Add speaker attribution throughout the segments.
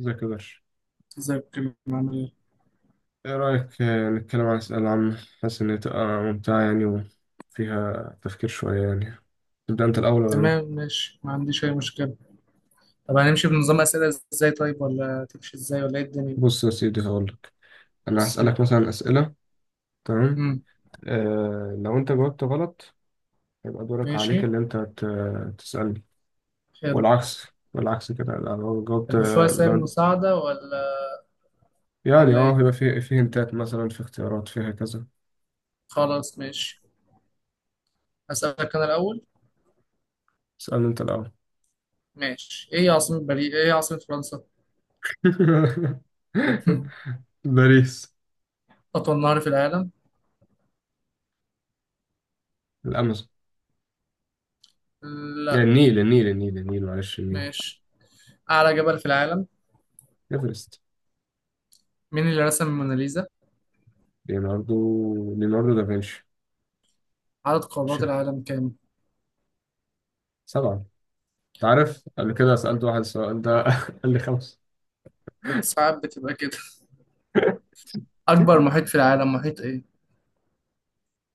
Speaker 1: ازيك يا باشا.
Speaker 2: ازيك يا كريم، عامل ايه؟
Speaker 1: ايه رأيك، نتكلم عن أسئلة عامة؟ حاسس إن هي تبقى ممتعة يعني، وفيها تفكير شوية يعني. تبدأ أنت الأول ولا أنا؟
Speaker 2: تمام، ماشي، ما عنديش اي مشكلة. طب هنمشي بنظام اسئلة. ازاي؟ طيب، ولا تمشي ازاي، ولا ايه الدنيا؟
Speaker 1: بص يا سيدي هقولك. أنا
Speaker 2: بص.
Speaker 1: هسألك مثلا أسئلة، تمام؟
Speaker 2: امم
Speaker 1: آه، لو أنت جاوبت غلط هيبقى دورك عليك
Speaker 2: ماشي.
Speaker 1: اللي أنت تسألني،
Speaker 2: حلو.
Speaker 1: والعكس. والعكس كده لو جاوبت،
Speaker 2: طب في وسائل
Speaker 1: لو
Speaker 2: مساعدة، ولا
Speaker 1: يعني
Speaker 2: ولا ايه؟
Speaker 1: هيبقى فيه هنتات، مثلا في اختيارات فيها كذا.
Speaker 2: خلاص، ماشي. هسألك انا الأول.
Speaker 1: اسألني أنت الأول.
Speaker 2: ماشي. ايه عاصمة فرنسا؟
Speaker 1: باريس.
Speaker 2: أطول نهر في العالم؟
Speaker 1: الأمازون.
Speaker 2: لا.
Speaker 1: يعني النيل، معلش، النيل.
Speaker 2: ماشي. أعلى جبل في العالم؟
Speaker 1: ايفرست.
Speaker 2: مين اللي رسم الموناليزا؟
Speaker 1: ليوناردو ليوناردو دافنشي.
Speaker 2: عدد قارات
Speaker 1: شف-
Speaker 2: العالم كام؟
Speaker 1: سبعة. انت عارف، قبل كده سألت واحد السؤال ده قال لي خمسة.
Speaker 2: ساعات بتبقى كده. أكبر محيط في العالم، محيط ايه؟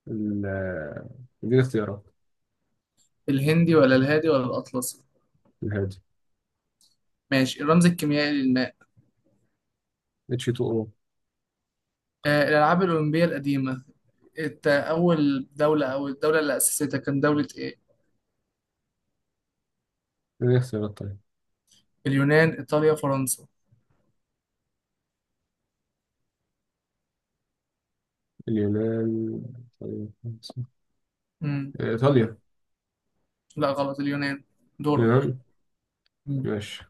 Speaker 1: ال- دي الاختيارات.
Speaker 2: الهندي ولا الهادي ولا الأطلسي؟
Speaker 1: الهادي.
Speaker 2: ماشي. الرمز الكيميائي للماء.
Speaker 1: اتش 2 او.
Speaker 2: الألعاب الأولمبية القديمة، أول دولة، أو الدولة اللي أسستها، كان دولة إيه؟
Speaker 1: دي الاختيارات، طيب
Speaker 2: اليونان، إيطاليا، فرنسا؟
Speaker 1: اليونان. طيب، خمسة.
Speaker 2: مم.
Speaker 1: ايطاليا.
Speaker 2: لا، غلط، اليونان. دورك.
Speaker 1: اليونان.
Speaker 2: مم.
Speaker 1: ماشي.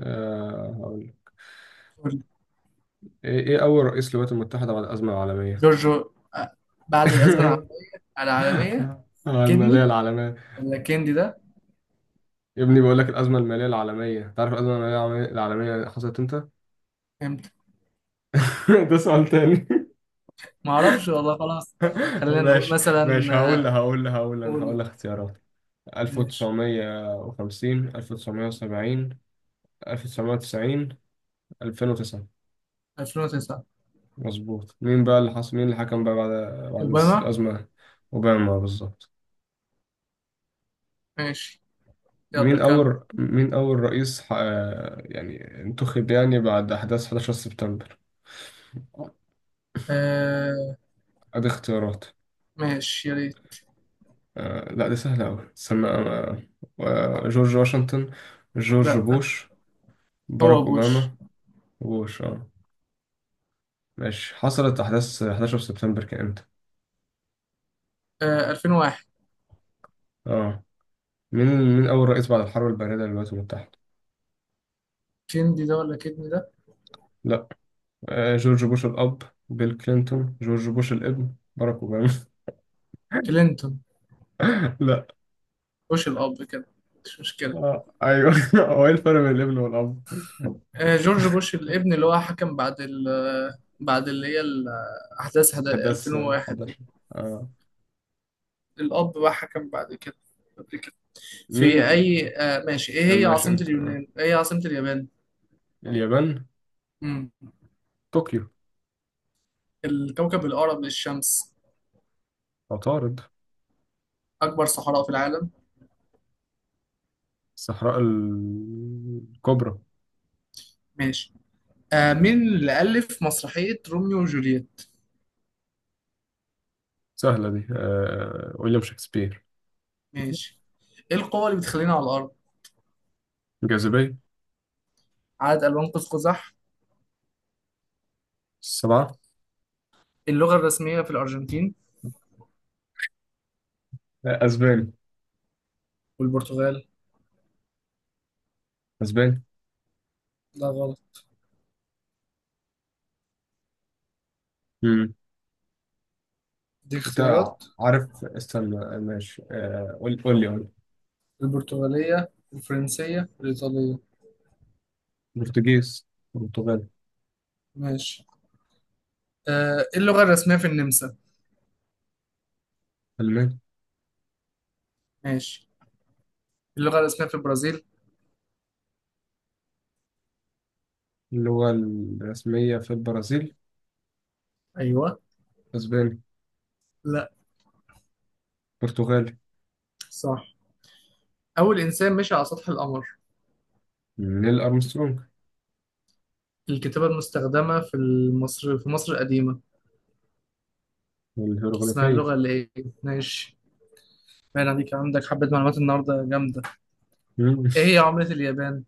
Speaker 1: هقول لك.
Speaker 2: قول.
Speaker 1: إيه اول رئيس للولايات المتحدة بعد الأزمة العالمية؟
Speaker 2: جورجو آه، بعد الأزمة العالمية.
Speaker 1: المالية
Speaker 2: كدني
Speaker 1: العالمية.
Speaker 2: ولا كندي ده.
Speaker 1: يا ابني، بقول لك الأزمة المالية العالمية، تعرف الأزمة المالية العالمية؟ العالمية حصلت امتى؟
Speaker 2: امتى؟
Speaker 1: ده سؤال تاني.
Speaker 2: معرفش والله، خلاص. خلينا نقول
Speaker 1: ماشي
Speaker 2: مثلا،
Speaker 1: ماشي، هقول لها،
Speaker 2: قول.
Speaker 1: اختيارات.
Speaker 2: ماشي.
Speaker 1: 1950، 1970، 1990، 2009.
Speaker 2: 2009.
Speaker 1: مظبوط. مين اللي حكم بقى بعد،
Speaker 2: أوباما.
Speaker 1: الأزمة؟ أوباما، بالظبط.
Speaker 2: ماشي. يلا كمل.
Speaker 1: مين أول رئيس يعني انتخب يعني بعد أحداث 11 سبتمبر؟
Speaker 2: آه،
Speaker 1: أدي اختيارات.
Speaker 2: ماشي يا ريت.
Speaker 1: لا، دي سهلة أوي، استنى. جورج واشنطن، جورج
Speaker 2: لا،
Speaker 1: بوش، باراك
Speaker 2: هو بوش.
Speaker 1: أوباما. بوش، اه. ماشي. حصلت أحداث 11 سبتمبر كان إمتى؟
Speaker 2: 2001.
Speaker 1: آه. مين مين أول رئيس بعد الحرب الباردة للولايات المتحدة؟
Speaker 2: كيندي ده ولا كيدني ده؟
Speaker 1: لأ. آه، جورج بوش الأب، بيل كلينتون، جورج بوش الابن، باراك أوباما.
Speaker 2: كلينتون.
Speaker 1: لأ.
Speaker 2: بوش الأب كده. مش مشكلة.
Speaker 1: آه، أيوه. هو إيه الفرق بين الابن والأب؟
Speaker 2: آه، جورج بوش الابن اللي هو حكم بعد ال بعد اللي هي ال- أحداث
Speaker 1: أحداث
Speaker 2: 2001 دي.
Speaker 1: 11. آه.
Speaker 2: الأب بقى حكم بعد كده. قبل كده. في
Speaker 1: مين.
Speaker 2: أي آه ماشي. إيه هي
Speaker 1: ماشي،
Speaker 2: عاصمة
Speaker 1: أنت.
Speaker 2: اليونان؟ إيه هي عاصمة اليابان؟
Speaker 1: اليابان:
Speaker 2: مم.
Speaker 1: طوكيو.
Speaker 2: الكوكب الأقرب للشمس.
Speaker 1: عطارد.
Speaker 2: أكبر صحراء في العالم.
Speaker 1: الصحراء الكبرى.
Speaker 2: ماشي. مين اللي ألف مسرحية روميو وجولييت؟
Speaker 1: سهلة دي، ويليام شكسبير.
Speaker 2: ماشي. ايه القوة اللي بتخلينا على الأرض؟
Speaker 1: الجاذبية.
Speaker 2: عدد ألوان قوس قزح؟
Speaker 1: السبعة.
Speaker 2: اللغة الرسمية في الأرجنتين
Speaker 1: أسباني.
Speaker 2: والبرتغال؟
Speaker 1: أسباني.
Speaker 2: لا، غلط. دي
Speaker 1: انت
Speaker 2: اختيارات:
Speaker 1: عارف، استنى ماشي. قول لي.
Speaker 2: البرتغالية، الفرنسية، الإيطالية.
Speaker 1: برتغيز. برتغال.
Speaker 2: ماشي. ايه اللغة الرسمية في النمسا؟
Speaker 1: ألماني.
Speaker 2: ماشي. اللغة الرسمية في البرازيل؟
Speaker 1: اللغة الرسمية في البرازيل؟
Speaker 2: أيوه.
Speaker 1: أسباني.
Speaker 2: لا.
Speaker 1: برتغالي.
Speaker 2: صح. أول إنسان مشي على سطح القمر.
Speaker 1: نيل أرمسترونج.
Speaker 2: الكتابة المستخدمة في مصر، في مصر القديمة، اسمها
Speaker 1: والهيروغليفية.
Speaker 2: اللغة اللي إيه؟ ماشي. باين عليك عندك حبة معلومات النهاردة جامدة.
Speaker 1: مم.
Speaker 2: إيه هي عملة اليابان؟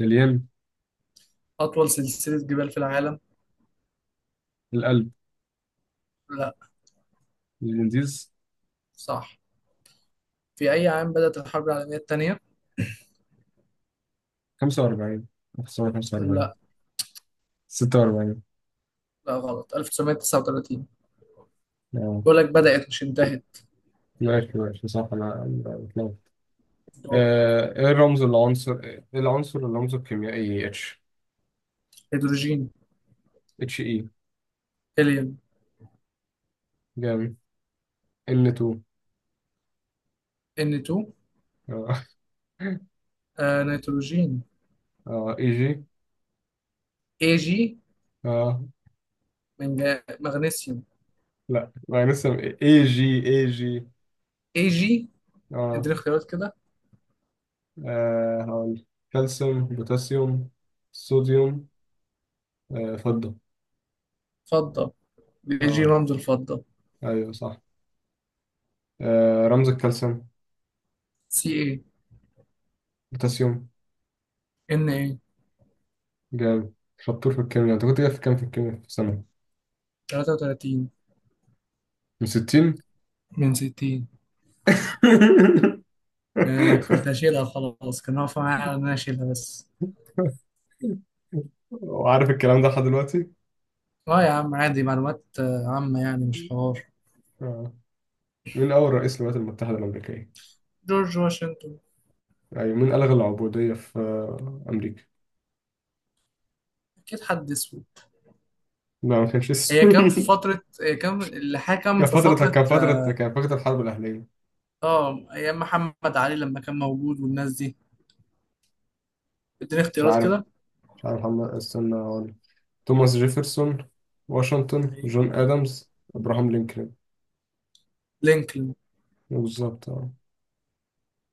Speaker 1: الين.
Speaker 2: أطول سلسلة جبال في العالم.
Speaker 1: القلب.
Speaker 2: لا.
Speaker 1: الانديز.
Speaker 2: صح. في أي عام بدأت الحرب العالمية الثانية؟
Speaker 1: 45. 1945.
Speaker 2: لا.
Speaker 1: 46.
Speaker 2: لا، غلط، 1939.
Speaker 1: اه،
Speaker 2: بقول لك بدأت مش انتهت.
Speaker 1: ماشي، صح، أنا بتلخبط.
Speaker 2: دور.
Speaker 1: ايه الرمز، العنصر الرمزه الكيميائي اتش.
Speaker 2: هيدروجين.
Speaker 1: اتش اي.
Speaker 2: هيليوم.
Speaker 1: جامد. ان 2.
Speaker 2: N2. آه، نيتروجين.
Speaker 1: اه. اي جي.
Speaker 2: AG.
Speaker 1: اه.
Speaker 2: مغنيسيوم.
Speaker 1: لا، ما لسه. اي جي.
Speaker 2: AG.
Speaker 1: اه.
Speaker 2: اديني اختيارات كده.
Speaker 1: هقول: كالسيوم، بوتاسيوم، صوديوم، فضة.
Speaker 2: فضة. الاي جي
Speaker 1: اه،
Speaker 2: رمز الفضة.
Speaker 1: ايوه، صح. رمز الكالسيوم.
Speaker 2: سي اي.
Speaker 1: بوتاسيوم.
Speaker 2: ان اي.
Speaker 1: جامد. شطور في الكيمياء. انت كنت جايب في كام في الكيمياء في سنة؟
Speaker 2: 33
Speaker 1: من 60.
Speaker 2: من 60. آه كنت هشيلها، خلاص، كان واقف معايا على ان انا اشيلها بس.
Speaker 1: وعارف الكلام ده لحد دلوقتي.
Speaker 2: اه يا عم، عادي، معلومات عامة يعني، مش حوار.
Speaker 1: آه. مين أول رئيس للولايات المتحدة الأمريكية؟
Speaker 2: جورج واشنطن.
Speaker 1: يعني مين ألغى العبودية في أمريكا؟
Speaker 2: اكيد حد اسود.
Speaker 1: لا، ما كانش
Speaker 2: هي كان في
Speaker 1: اسمه.
Speaker 2: فترة، هي كان اللي حكم في فترة.
Speaker 1: كان فترة الحرب الأهلية.
Speaker 2: اه، ايام محمد علي لما كان موجود والناس دي. اديني
Speaker 1: مش
Speaker 2: اختيارات
Speaker 1: عارف.
Speaker 2: كده.
Speaker 1: هم، استنى أقول: توماس جيفرسون، واشنطن،
Speaker 2: أيوة.
Speaker 1: جون آدمز، إبراهام لينكولن.
Speaker 2: لينكولن.
Speaker 1: بالظبط، اه.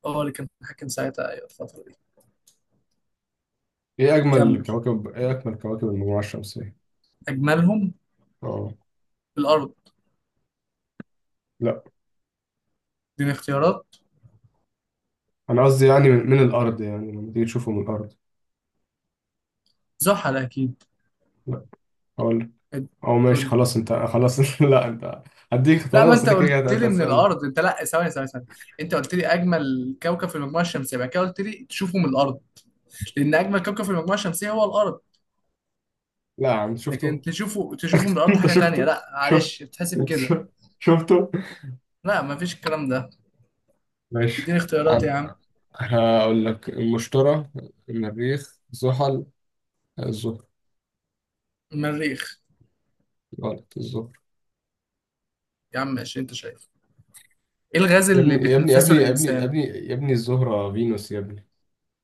Speaker 2: اه، اللي كان حاكم ساعتها، ايوه، الفترة دي. كمل.
Speaker 1: إيه أجمل كواكب المجموعة الشمسية؟
Speaker 2: اجملهم.
Speaker 1: اه.
Speaker 2: في الارض.
Speaker 1: لا،
Speaker 2: اديني اختيارات.
Speaker 1: أنا قصدي يعني من الأرض، يعني لما تيجي تشوفه من الأرض.
Speaker 2: زحل اكيد.
Speaker 1: لا، أقول لك.
Speaker 2: اد-
Speaker 1: أو ماشي،
Speaker 2: قول لي.
Speaker 1: خلاص، أنت خلاص. لا، أنت هديك
Speaker 2: لا،
Speaker 1: اختيارات،
Speaker 2: ما
Speaker 1: بس
Speaker 2: انت
Speaker 1: أنت كده
Speaker 2: قلت
Speaker 1: كده أنت
Speaker 2: لي من
Speaker 1: هتسألني.
Speaker 2: الارض. انت، لا، ثواني ثواني ثواني. انت قلت لي اجمل كوكب في المجموعة الشمسية، بعد كده قلت لي تشوفه من الارض. لان اجمل كوكب في المجموعة الشمسية هو الارض.
Speaker 1: لا يا عم،
Speaker 2: لكن
Speaker 1: شفته.
Speaker 2: تشوفه من الارض
Speaker 1: أنت
Speaker 2: حاجة تانية.
Speaker 1: شفته.
Speaker 2: لا،
Speaker 1: شفت
Speaker 2: معلش، بتحسب كده.
Speaker 1: شفت- شفته.
Speaker 2: لا، مفيش الكلام ده.
Speaker 1: ماشي،
Speaker 2: اديني اختيارات يا عم.
Speaker 1: هقول لك: المشتري، المريخ، زحل، الزهر.
Speaker 2: المريخ.
Speaker 1: غلط، الزهر.
Speaker 2: يا عم ماشي، انت شايف. ايه الغاز
Speaker 1: يا
Speaker 2: اللي
Speaker 1: ابني، يا ابني، يا
Speaker 2: بيتنفسه
Speaker 1: ابني، يا ابني، يا
Speaker 2: الانسان؟
Speaker 1: ابني، يا ابني الزهرة فينوس، يا ابني.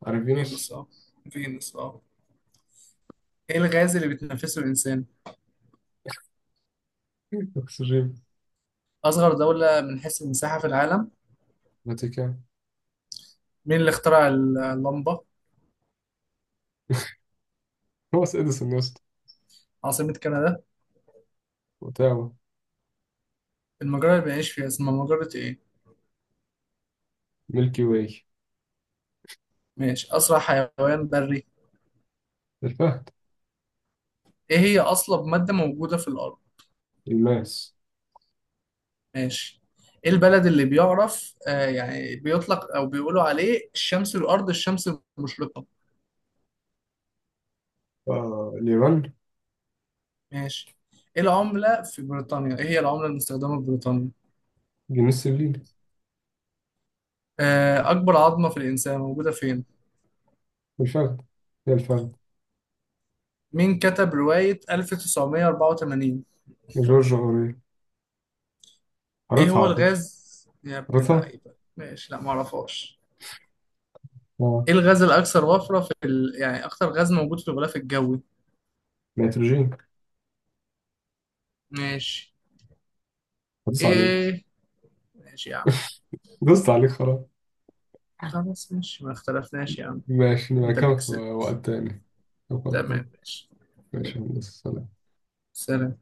Speaker 1: عارف
Speaker 2: فينوس
Speaker 1: فينوس؟
Speaker 2: اه. فينوس اه. ايه الغاز اللي بيتنفسه الانسان؟
Speaker 1: أكسجين.
Speaker 2: اصغر دولة من حيث المساحة في العالم.
Speaker 1: فاتيكان.
Speaker 2: مين اللي اخترع اللمبة؟
Speaker 1: توماس إديسون، يا اسطى.
Speaker 2: عاصمة كندا.
Speaker 1: أوتاوا.
Speaker 2: المجرة اللي بنعيش فيها اسمها مجرة ايه.
Speaker 1: ميلكي واي.
Speaker 2: ماشي. اسرع حيوان بري.
Speaker 1: الفهد.
Speaker 2: ايه هي اصلب مادة موجودة في الارض.
Speaker 1: الماس.
Speaker 2: ماشي. ايه البلد اللي بيعرف، آه يعني بيطلق او بيقولوا عليه، الشمس الارض الشمس المشرقة؟
Speaker 1: آه، اليابان.
Speaker 2: ماشي. ايه العملة في بريطانيا؟ ايه هي العملة المستخدمة في بريطانيا؟
Speaker 1: جنيس الليل.
Speaker 2: آه، أكبر عظمة في الإنسان موجودة فين؟
Speaker 1: الفهد. هي الفهد.
Speaker 2: مين كتب رواية 1984؟
Speaker 1: جورج أوريل.
Speaker 2: ايه
Speaker 1: قريتها
Speaker 2: هو
Speaker 1: على فكرة.
Speaker 2: الغاز؟ يا ابن
Speaker 1: قريتها؟
Speaker 2: اللعيبة. ماشي، لا، معرفهاش.
Speaker 1: آه.
Speaker 2: ايه الغاز الأكثر وفرة في ال... يعني أكثر غاز موجود في الغلاف الجوي؟
Speaker 1: نيتروجين.
Speaker 2: ماشي.
Speaker 1: هدوس عليك.
Speaker 2: ايه؟ ماشي يا عم.
Speaker 1: دوست عليك، خلاص.
Speaker 2: خلاص ماشي، ما اختلفناش يا عم.
Speaker 1: ماشي، نبقى
Speaker 2: انت اللي
Speaker 1: كمان في
Speaker 2: كسبت.
Speaker 1: وقت تاني. في وقت
Speaker 2: تمام
Speaker 1: تاني.
Speaker 2: ماشي.
Speaker 1: ماشي يا هندسة، سلام.
Speaker 2: سلام.